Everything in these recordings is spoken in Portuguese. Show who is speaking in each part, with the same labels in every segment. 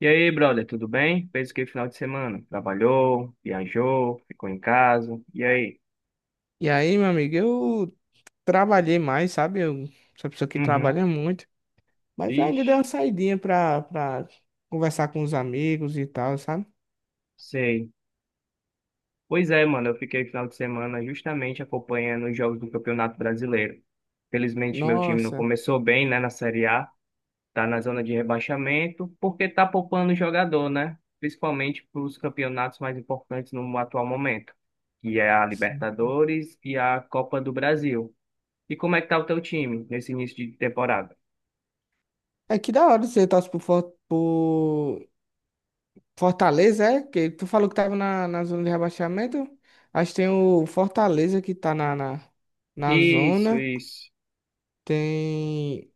Speaker 1: E aí, brother, tudo bem? Fez o que final de semana? Trabalhou, viajou, ficou em casa. E aí?
Speaker 2: E aí, meu amigo, eu trabalhei mais, sabe? Eu sou uma pessoa que
Speaker 1: Uhum.
Speaker 2: trabalha muito, mas ainda dei uma
Speaker 1: Vixe,
Speaker 2: saidinha pra conversar com os amigos e tal, sabe?
Speaker 1: sei. Pois é, mano, eu fiquei final de semana justamente acompanhando os jogos do Campeonato Brasileiro. Felizmente, meu time não
Speaker 2: Nossa.
Speaker 1: começou bem, né, na Série A. Tá na zona de rebaixamento, porque tá poupando o jogador, né? Principalmente para os campeonatos mais importantes no atual momento, que é a
Speaker 2: Sim.
Speaker 1: Libertadores e a Copa do Brasil. E como é que tá o teu time nesse início de temporada?
Speaker 2: É que da hora. Você torce por, por Fortaleza, é? Que tu falou que tava na zona de rebaixamento. Acho que tem o Fortaleza que tá na
Speaker 1: Isso,
Speaker 2: zona.
Speaker 1: isso.
Speaker 2: Tem.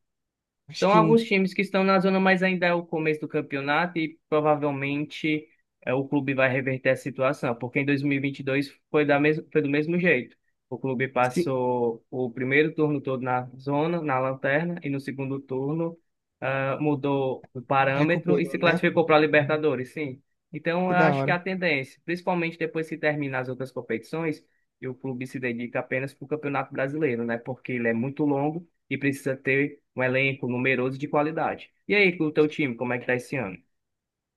Speaker 2: Acho
Speaker 1: São
Speaker 2: que
Speaker 1: alguns times que estão na zona, mas ainda é o começo do campeonato e provavelmente o clube vai reverter a situação, porque em 2022 foi do mesmo jeito. O clube
Speaker 2: se
Speaker 1: passou o primeiro turno todo na zona, na lanterna, e no segundo turno mudou o parâmetro e
Speaker 2: recuperou,
Speaker 1: se
Speaker 2: né?
Speaker 1: classificou para a Libertadores, sim. Então, eu
Speaker 2: Que da
Speaker 1: acho que é a
Speaker 2: hora.
Speaker 1: tendência, principalmente depois que terminar as outras competições, e o clube se dedica apenas para o Campeonato Brasileiro, né? Porque ele é muito longo e precisa ter um elenco numeroso de qualidade. E aí, com o teu time, como é que tá esse ano?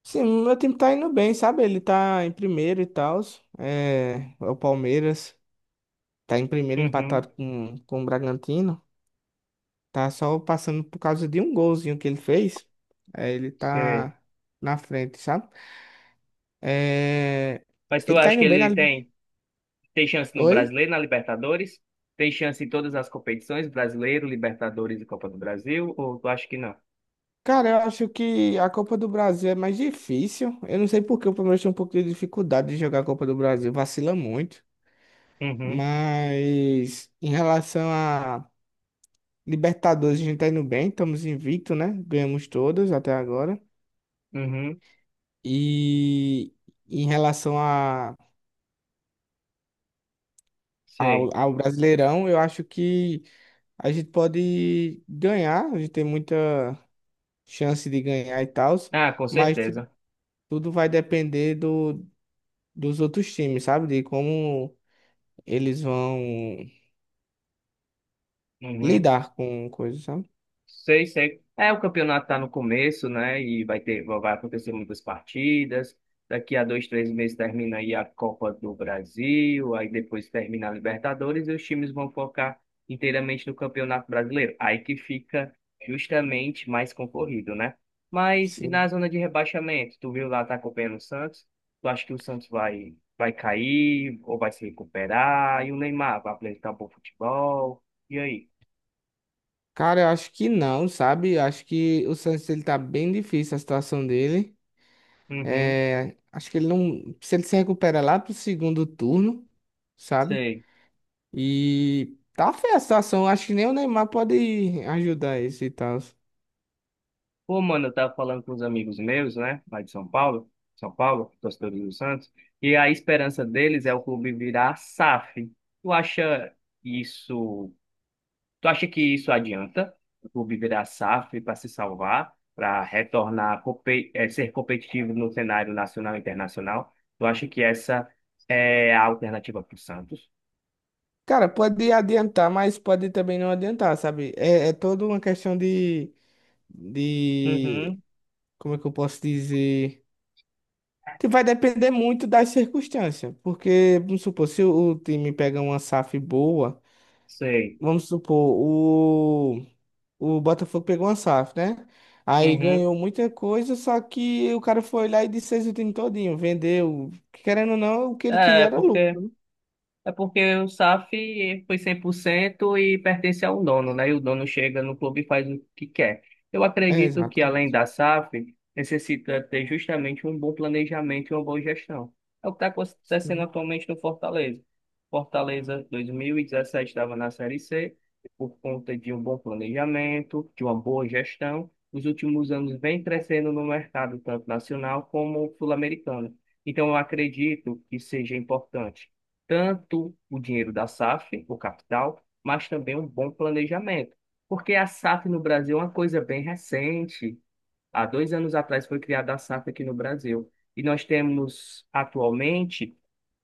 Speaker 2: Sim, meu time tá indo bem, sabe? Ele tá em primeiro e tal. É, é o Palmeiras tá em primeiro
Speaker 1: Uhum,
Speaker 2: empatado com o Bragantino. Tá só passando por causa de um golzinho que ele fez. É, ele
Speaker 1: sei.
Speaker 2: tá na frente, sabe? É,
Speaker 1: Mas tu
Speaker 2: ele tá
Speaker 1: acha que
Speaker 2: indo bem na.
Speaker 1: ele
Speaker 2: Li-
Speaker 1: tem chance no
Speaker 2: Oi?
Speaker 1: Brasileiro, na Libertadores? Tem chance em todas as competições, Brasileiro, Libertadores e Copa do Brasil? Ou tu acha que não?
Speaker 2: Cara, eu acho que a Copa do Brasil é mais difícil. Eu não sei por que o Palmeiras tem um pouco de dificuldade de jogar a Copa do Brasil, vacila muito.
Speaker 1: Uhum,
Speaker 2: Mas em relação a Libertadores, a gente tá indo bem, estamos invicto, né? Ganhamos todas até agora.
Speaker 1: uhum,
Speaker 2: E em relação
Speaker 1: sei.
Speaker 2: ao Brasileirão, eu acho que a gente pode ganhar, a gente tem muita chance de ganhar e tal,
Speaker 1: Ah, com
Speaker 2: mas
Speaker 1: certeza.
Speaker 2: tudo vai depender dos outros times, sabe? De como eles vão
Speaker 1: Uhum.
Speaker 2: lidar com coisas, sabe?
Speaker 1: Sei, sei. É, o campeonato está no começo, né? E vai acontecer muitas partidas. Daqui a 2, 3 meses termina aí a Copa do Brasil, aí depois termina a Libertadores e os times vão focar inteiramente no Campeonato Brasileiro. Aí que fica justamente mais concorrido, né? Mas e na
Speaker 2: Sim.
Speaker 1: zona de rebaixamento, tu viu lá, tá acompanhando o Santos? Tu acha que o Santos vai cair ou vai se recuperar? E o Neymar vai apresentar um bom futebol? E aí?
Speaker 2: Cara, eu acho que não, sabe? Eu acho que o Santos ele tá bem difícil a situação dele.
Speaker 1: Uhum,
Speaker 2: É, acho que ele não. Se ele se recupera lá pro segundo turno, sabe?
Speaker 1: sei.
Speaker 2: E tá feia a situação. Acho que nem o Neymar pode ajudar isso e tal.
Speaker 1: Pô, mano, eu tava falando com os amigos meus, né, lá de São Paulo, São Paulo, torcedores do Santos, e a esperança deles é o clube virar SAF. Tu acha isso, tu acha que isso adianta? O clube virar SAF para se salvar, para retornar, ser competitivo no cenário nacional e internacional? Tu acha que essa é a alternativa para o Santos?
Speaker 2: Cara, pode adiantar, mas pode também não adiantar, sabe? É, é toda uma questão de.
Speaker 1: Uhum,
Speaker 2: Como é que eu posso dizer? Que vai depender muito das circunstâncias. Porque, vamos supor, se o time pega uma SAF boa,
Speaker 1: sei.
Speaker 2: vamos supor, o Botafogo pegou uma SAF, né? Aí
Speaker 1: Uhum.
Speaker 2: ganhou muita coisa, só que o cara foi lá e desfez o time todinho, vendeu. Querendo ou não, o que ele queria
Speaker 1: É,
Speaker 2: era
Speaker 1: porque
Speaker 2: lucro, né?
Speaker 1: É porque o SAF foi 100% e pertence ao dono, né? E o dono chega no clube e faz o que quer. Eu
Speaker 2: É,
Speaker 1: acredito que, além
Speaker 2: exatamente.
Speaker 1: da SAF, necessita ter justamente um bom planejamento e uma boa gestão. É o que está acontecendo
Speaker 2: Sim,
Speaker 1: atualmente no Fortaleza. Fortaleza 2017 estava na Série C, e por conta de um bom planejamento, de uma boa gestão. Nos últimos anos vem crescendo no mercado, tanto nacional como sul-americano. Então, eu acredito que seja importante tanto o dinheiro da SAF, o capital, mas também um bom planejamento. Porque a SAF no Brasil é uma coisa bem recente. Há 2 anos atrás foi criada a SAF aqui no Brasil. E nós temos atualmente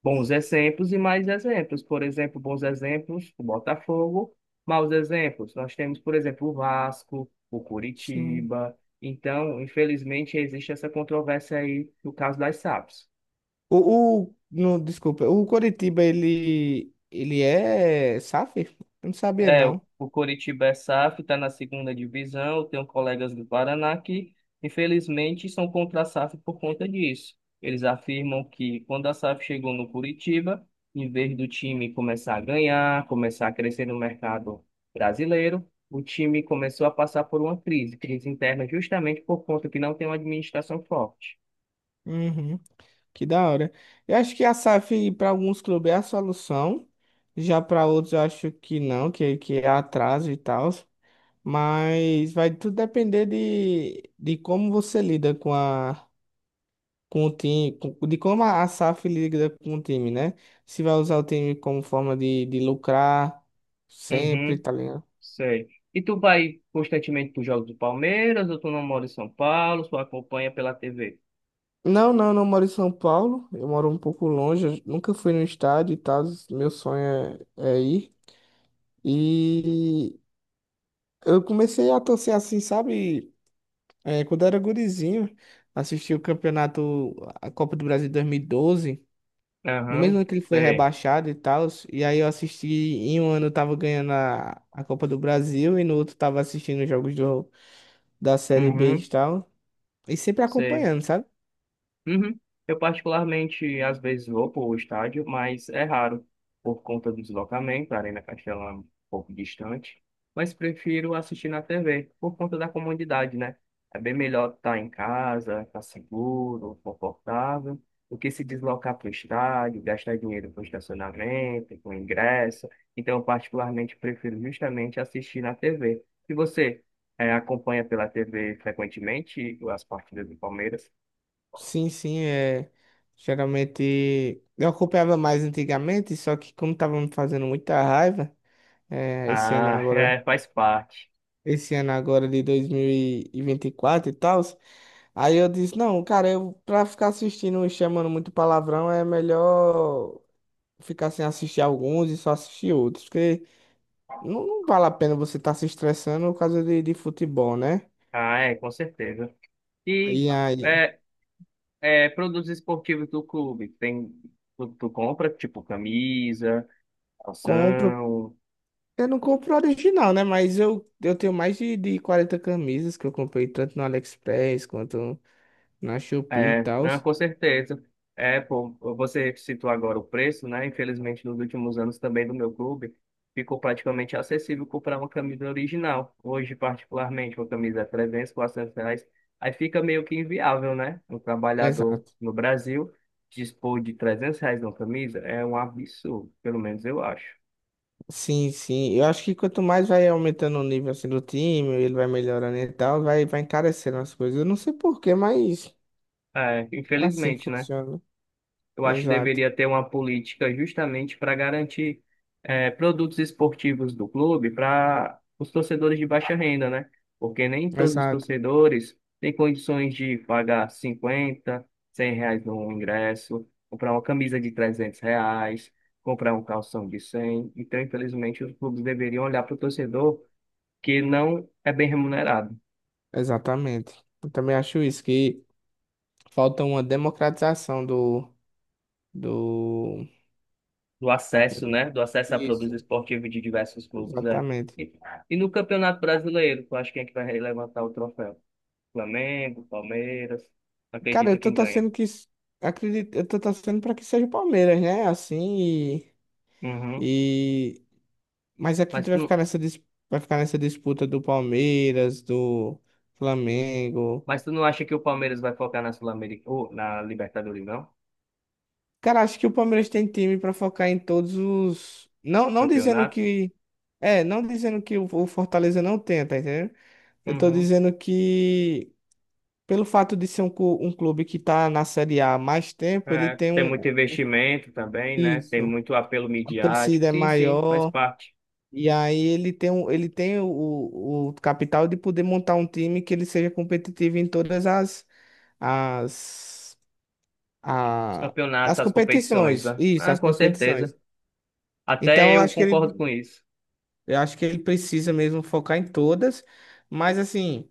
Speaker 1: bons exemplos e mais exemplos. Por exemplo, bons exemplos, o Botafogo. Maus exemplos, nós temos, por exemplo, o Vasco, o
Speaker 2: sim.
Speaker 1: Curitiba. Então, infelizmente, existe essa controvérsia aí no caso das SAFs.
Speaker 2: O, no, Desculpa, o Coritiba, ele é SAF? Eu não sabia,
Speaker 1: É,
Speaker 2: não.
Speaker 1: o Coritiba é SAF, está na segunda divisão. Eu tenho colegas do Paraná que, infelizmente, são contra a SAF por conta disso. Eles afirmam que quando a SAF chegou no Curitiba, em vez do time começar a ganhar, começar a crescer no mercado brasileiro, o time começou a passar por uma crise, crise interna, justamente por conta que não tem uma administração forte.
Speaker 2: Uhum, que da hora. Eu acho que a SAF para alguns clubes é a solução, já para outros eu acho que não, que é atraso e tal. Mas vai tudo depender de como você lida com a com o time, com- de como a SAF lida com o time, né? Se vai usar o time como forma de lucrar sempre,
Speaker 1: Uhum,
Speaker 2: tá ligado?
Speaker 1: sei. E tu vai constantemente para os jogos do Palmeiras, ou tu não mora em São Paulo, só acompanha pela TV?
Speaker 2: Não, não, não moro em São Paulo. Eu moro um pouco longe. Eu nunca fui no estádio e tal. Meu sonho é ir. E eu comecei a torcer assim, sabe? É, quando eu era gurizinho, assisti o campeonato, a Copa do Brasil 2012. No mesmo
Speaker 1: Aham,
Speaker 2: ano que ele foi
Speaker 1: sei.
Speaker 2: rebaixado e tal, e aí eu assisti, em um ano eu tava ganhando a Copa do Brasil e no outro tava assistindo os jogos da Série B
Speaker 1: Uhum,
Speaker 2: e tal, e sempre
Speaker 1: sei.
Speaker 2: acompanhando, sabe?
Speaker 1: Uhum. Eu particularmente às vezes vou para o estádio, mas é raro por conta do deslocamento, a Arena Castelão é um pouco distante, mas prefiro assistir na TV por conta da comodidade, né? É bem melhor estar em casa, estar seguro, confortável, do que se deslocar para o estádio, gastar dinheiro com estacionamento, com ingresso. Então, eu particularmente prefiro justamente assistir na TV. E você, acompanha pela TV frequentemente as partidas do Palmeiras?
Speaker 2: Sim, sim, é. Geralmente eu acompanhava mais antigamente, só que como tava me fazendo muita raiva, é, esse ano
Speaker 1: Ah,
Speaker 2: agora,
Speaker 1: é, faz parte.
Speaker 2: esse ano agora de 2024 e vinte e quatro e tal, aí eu disse, não, cara, eu pra ficar assistindo e chamando muito palavrão é melhor ficar sem assistir alguns e só assistir outros, porque não, não vale a pena você estar se estressando por causa de futebol, né?
Speaker 1: Ah, é, com certeza. E
Speaker 2: E aí,
Speaker 1: é, produtos esportivos do clube, tu compra, tipo, camisa,
Speaker 2: compro,
Speaker 1: calção?
Speaker 2: eu não compro original, né? Mas eu tenho mais de 40 camisas que eu comprei tanto no AliExpress quanto na Shopee e
Speaker 1: É,
Speaker 2: tal.
Speaker 1: não, com certeza. É, pô, você citou agora o preço, né? Infelizmente, nos últimos anos também do meu clube, ficou praticamente acessível comprar uma camisa original. Hoje, particularmente, uma camisa é 300, R$ 400. Aí fica meio que inviável, né? Um trabalhador
Speaker 2: Exato.
Speaker 1: no Brasil dispor de R$ 300 numa camisa é um absurdo, pelo menos eu acho.
Speaker 2: Sim, sim. Eu acho que quanto mais vai aumentando o nível assim, do time, ele vai melhorando e tal, vai encarecendo as coisas. Eu não sei porquê, mas
Speaker 1: É,
Speaker 2: é assim que
Speaker 1: infelizmente, né?
Speaker 2: funciona.
Speaker 1: Eu acho que
Speaker 2: Exato.
Speaker 1: deveria ter uma política justamente para garantir produtos esportivos do clube para os torcedores de baixa renda, né? Porque nem todos os
Speaker 2: Exato.
Speaker 1: torcedores têm condições de pagar 50, 100 reais no ingresso, comprar uma camisa de R$ 300, comprar um calção de 100. Então, infelizmente, os clubes deveriam olhar para o torcedor que não é bem remunerado.
Speaker 2: Exatamente. Eu também acho isso, que falta uma democratização do.
Speaker 1: Do acesso, né? Do acesso à produtos
Speaker 2: Isso.
Speaker 1: esportivos de diversos clubes, né?
Speaker 2: Exatamente.
Speaker 1: E, e no Campeonato Brasileiro, tu acha quem é que vai levantar o troféu? Flamengo, Palmeiras,
Speaker 2: Cara, eu
Speaker 1: acredita
Speaker 2: tô
Speaker 1: quem ganha.
Speaker 2: torcendo que... s- Acredito, eu tô torcendo pra que seja o Palmeiras, né? Assim,
Speaker 1: Uhum.
Speaker 2: e... Mas acredito
Speaker 1: Mas
Speaker 2: que vai ficar
Speaker 1: tu,
Speaker 2: vai ficar nessa disputa do Palmeiras, do Flamengo.
Speaker 1: mas tu não acha que o Palmeiras vai focar na Sul-América, ou na Libertadores, não?
Speaker 2: Cara, acho que o Palmeiras tem time pra focar em todos os... Não, não dizendo
Speaker 1: Campeonato?
Speaker 2: que... É, não dizendo que o Fortaleza não tenta, entendeu? Eu tô
Speaker 1: Uhum.
Speaker 2: dizendo que, pelo fato de ser um clube que tá na Série A há mais tempo, ele
Speaker 1: É,
Speaker 2: tem
Speaker 1: tem muito
Speaker 2: um.
Speaker 1: investimento também, né? Tem
Speaker 2: Isso.
Speaker 1: muito apelo
Speaker 2: A
Speaker 1: midiático.
Speaker 2: torcida é
Speaker 1: Sim, sim, faz
Speaker 2: maior.
Speaker 1: parte.
Speaker 2: E aí ele tem o capital de poder montar um time que ele seja competitivo em todas as,
Speaker 1: Os
Speaker 2: a,
Speaker 1: campeonatos,
Speaker 2: as
Speaker 1: as competições,
Speaker 2: competições.
Speaker 1: né?
Speaker 2: Isso,
Speaker 1: Ah,
Speaker 2: as
Speaker 1: com
Speaker 2: competições.
Speaker 1: certeza.
Speaker 2: Então
Speaker 1: Até
Speaker 2: eu
Speaker 1: eu
Speaker 2: acho que
Speaker 1: concordo com isso.
Speaker 2: eu acho que ele precisa mesmo focar em todas. Mas assim.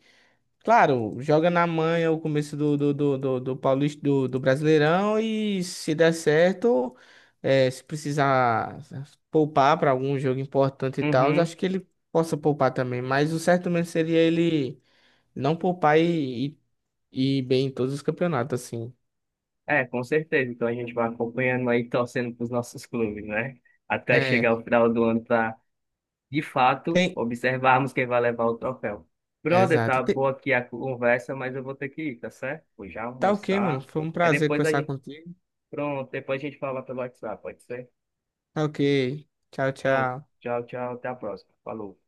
Speaker 2: Claro, joga na manha o começo do Paulista, do Brasileirão e se der certo, se precisar poupar para algum jogo importante e tal,
Speaker 1: Uhum.
Speaker 2: acho que ele possa poupar também. Mas o certo mesmo seria ele não poupar e ir bem em todos os campeonatos, assim.
Speaker 1: É, com certeza. Então a gente vai acompanhando aí, torcendo para os nossos clubes, né? Até
Speaker 2: É,
Speaker 1: chegar o final do ano para, de fato,
Speaker 2: tem.
Speaker 1: observarmos quem vai levar o troféu. Brother,
Speaker 2: Exato.
Speaker 1: tá
Speaker 2: Tem-
Speaker 1: boa aqui a conversa, mas eu vou ter que ir, tá certo? Vou já
Speaker 2: Tá ok, mano.
Speaker 1: almoçar.
Speaker 2: Foi um
Speaker 1: É
Speaker 2: prazer
Speaker 1: depois a
Speaker 2: conversar
Speaker 1: gente.
Speaker 2: contigo.
Speaker 1: Pronto, depois a gente fala pelo WhatsApp, pode ser?
Speaker 2: Tá ok. Tchau,
Speaker 1: Pronto.
Speaker 2: tchau.
Speaker 1: Tchau, tchau. Até a próxima. Falou.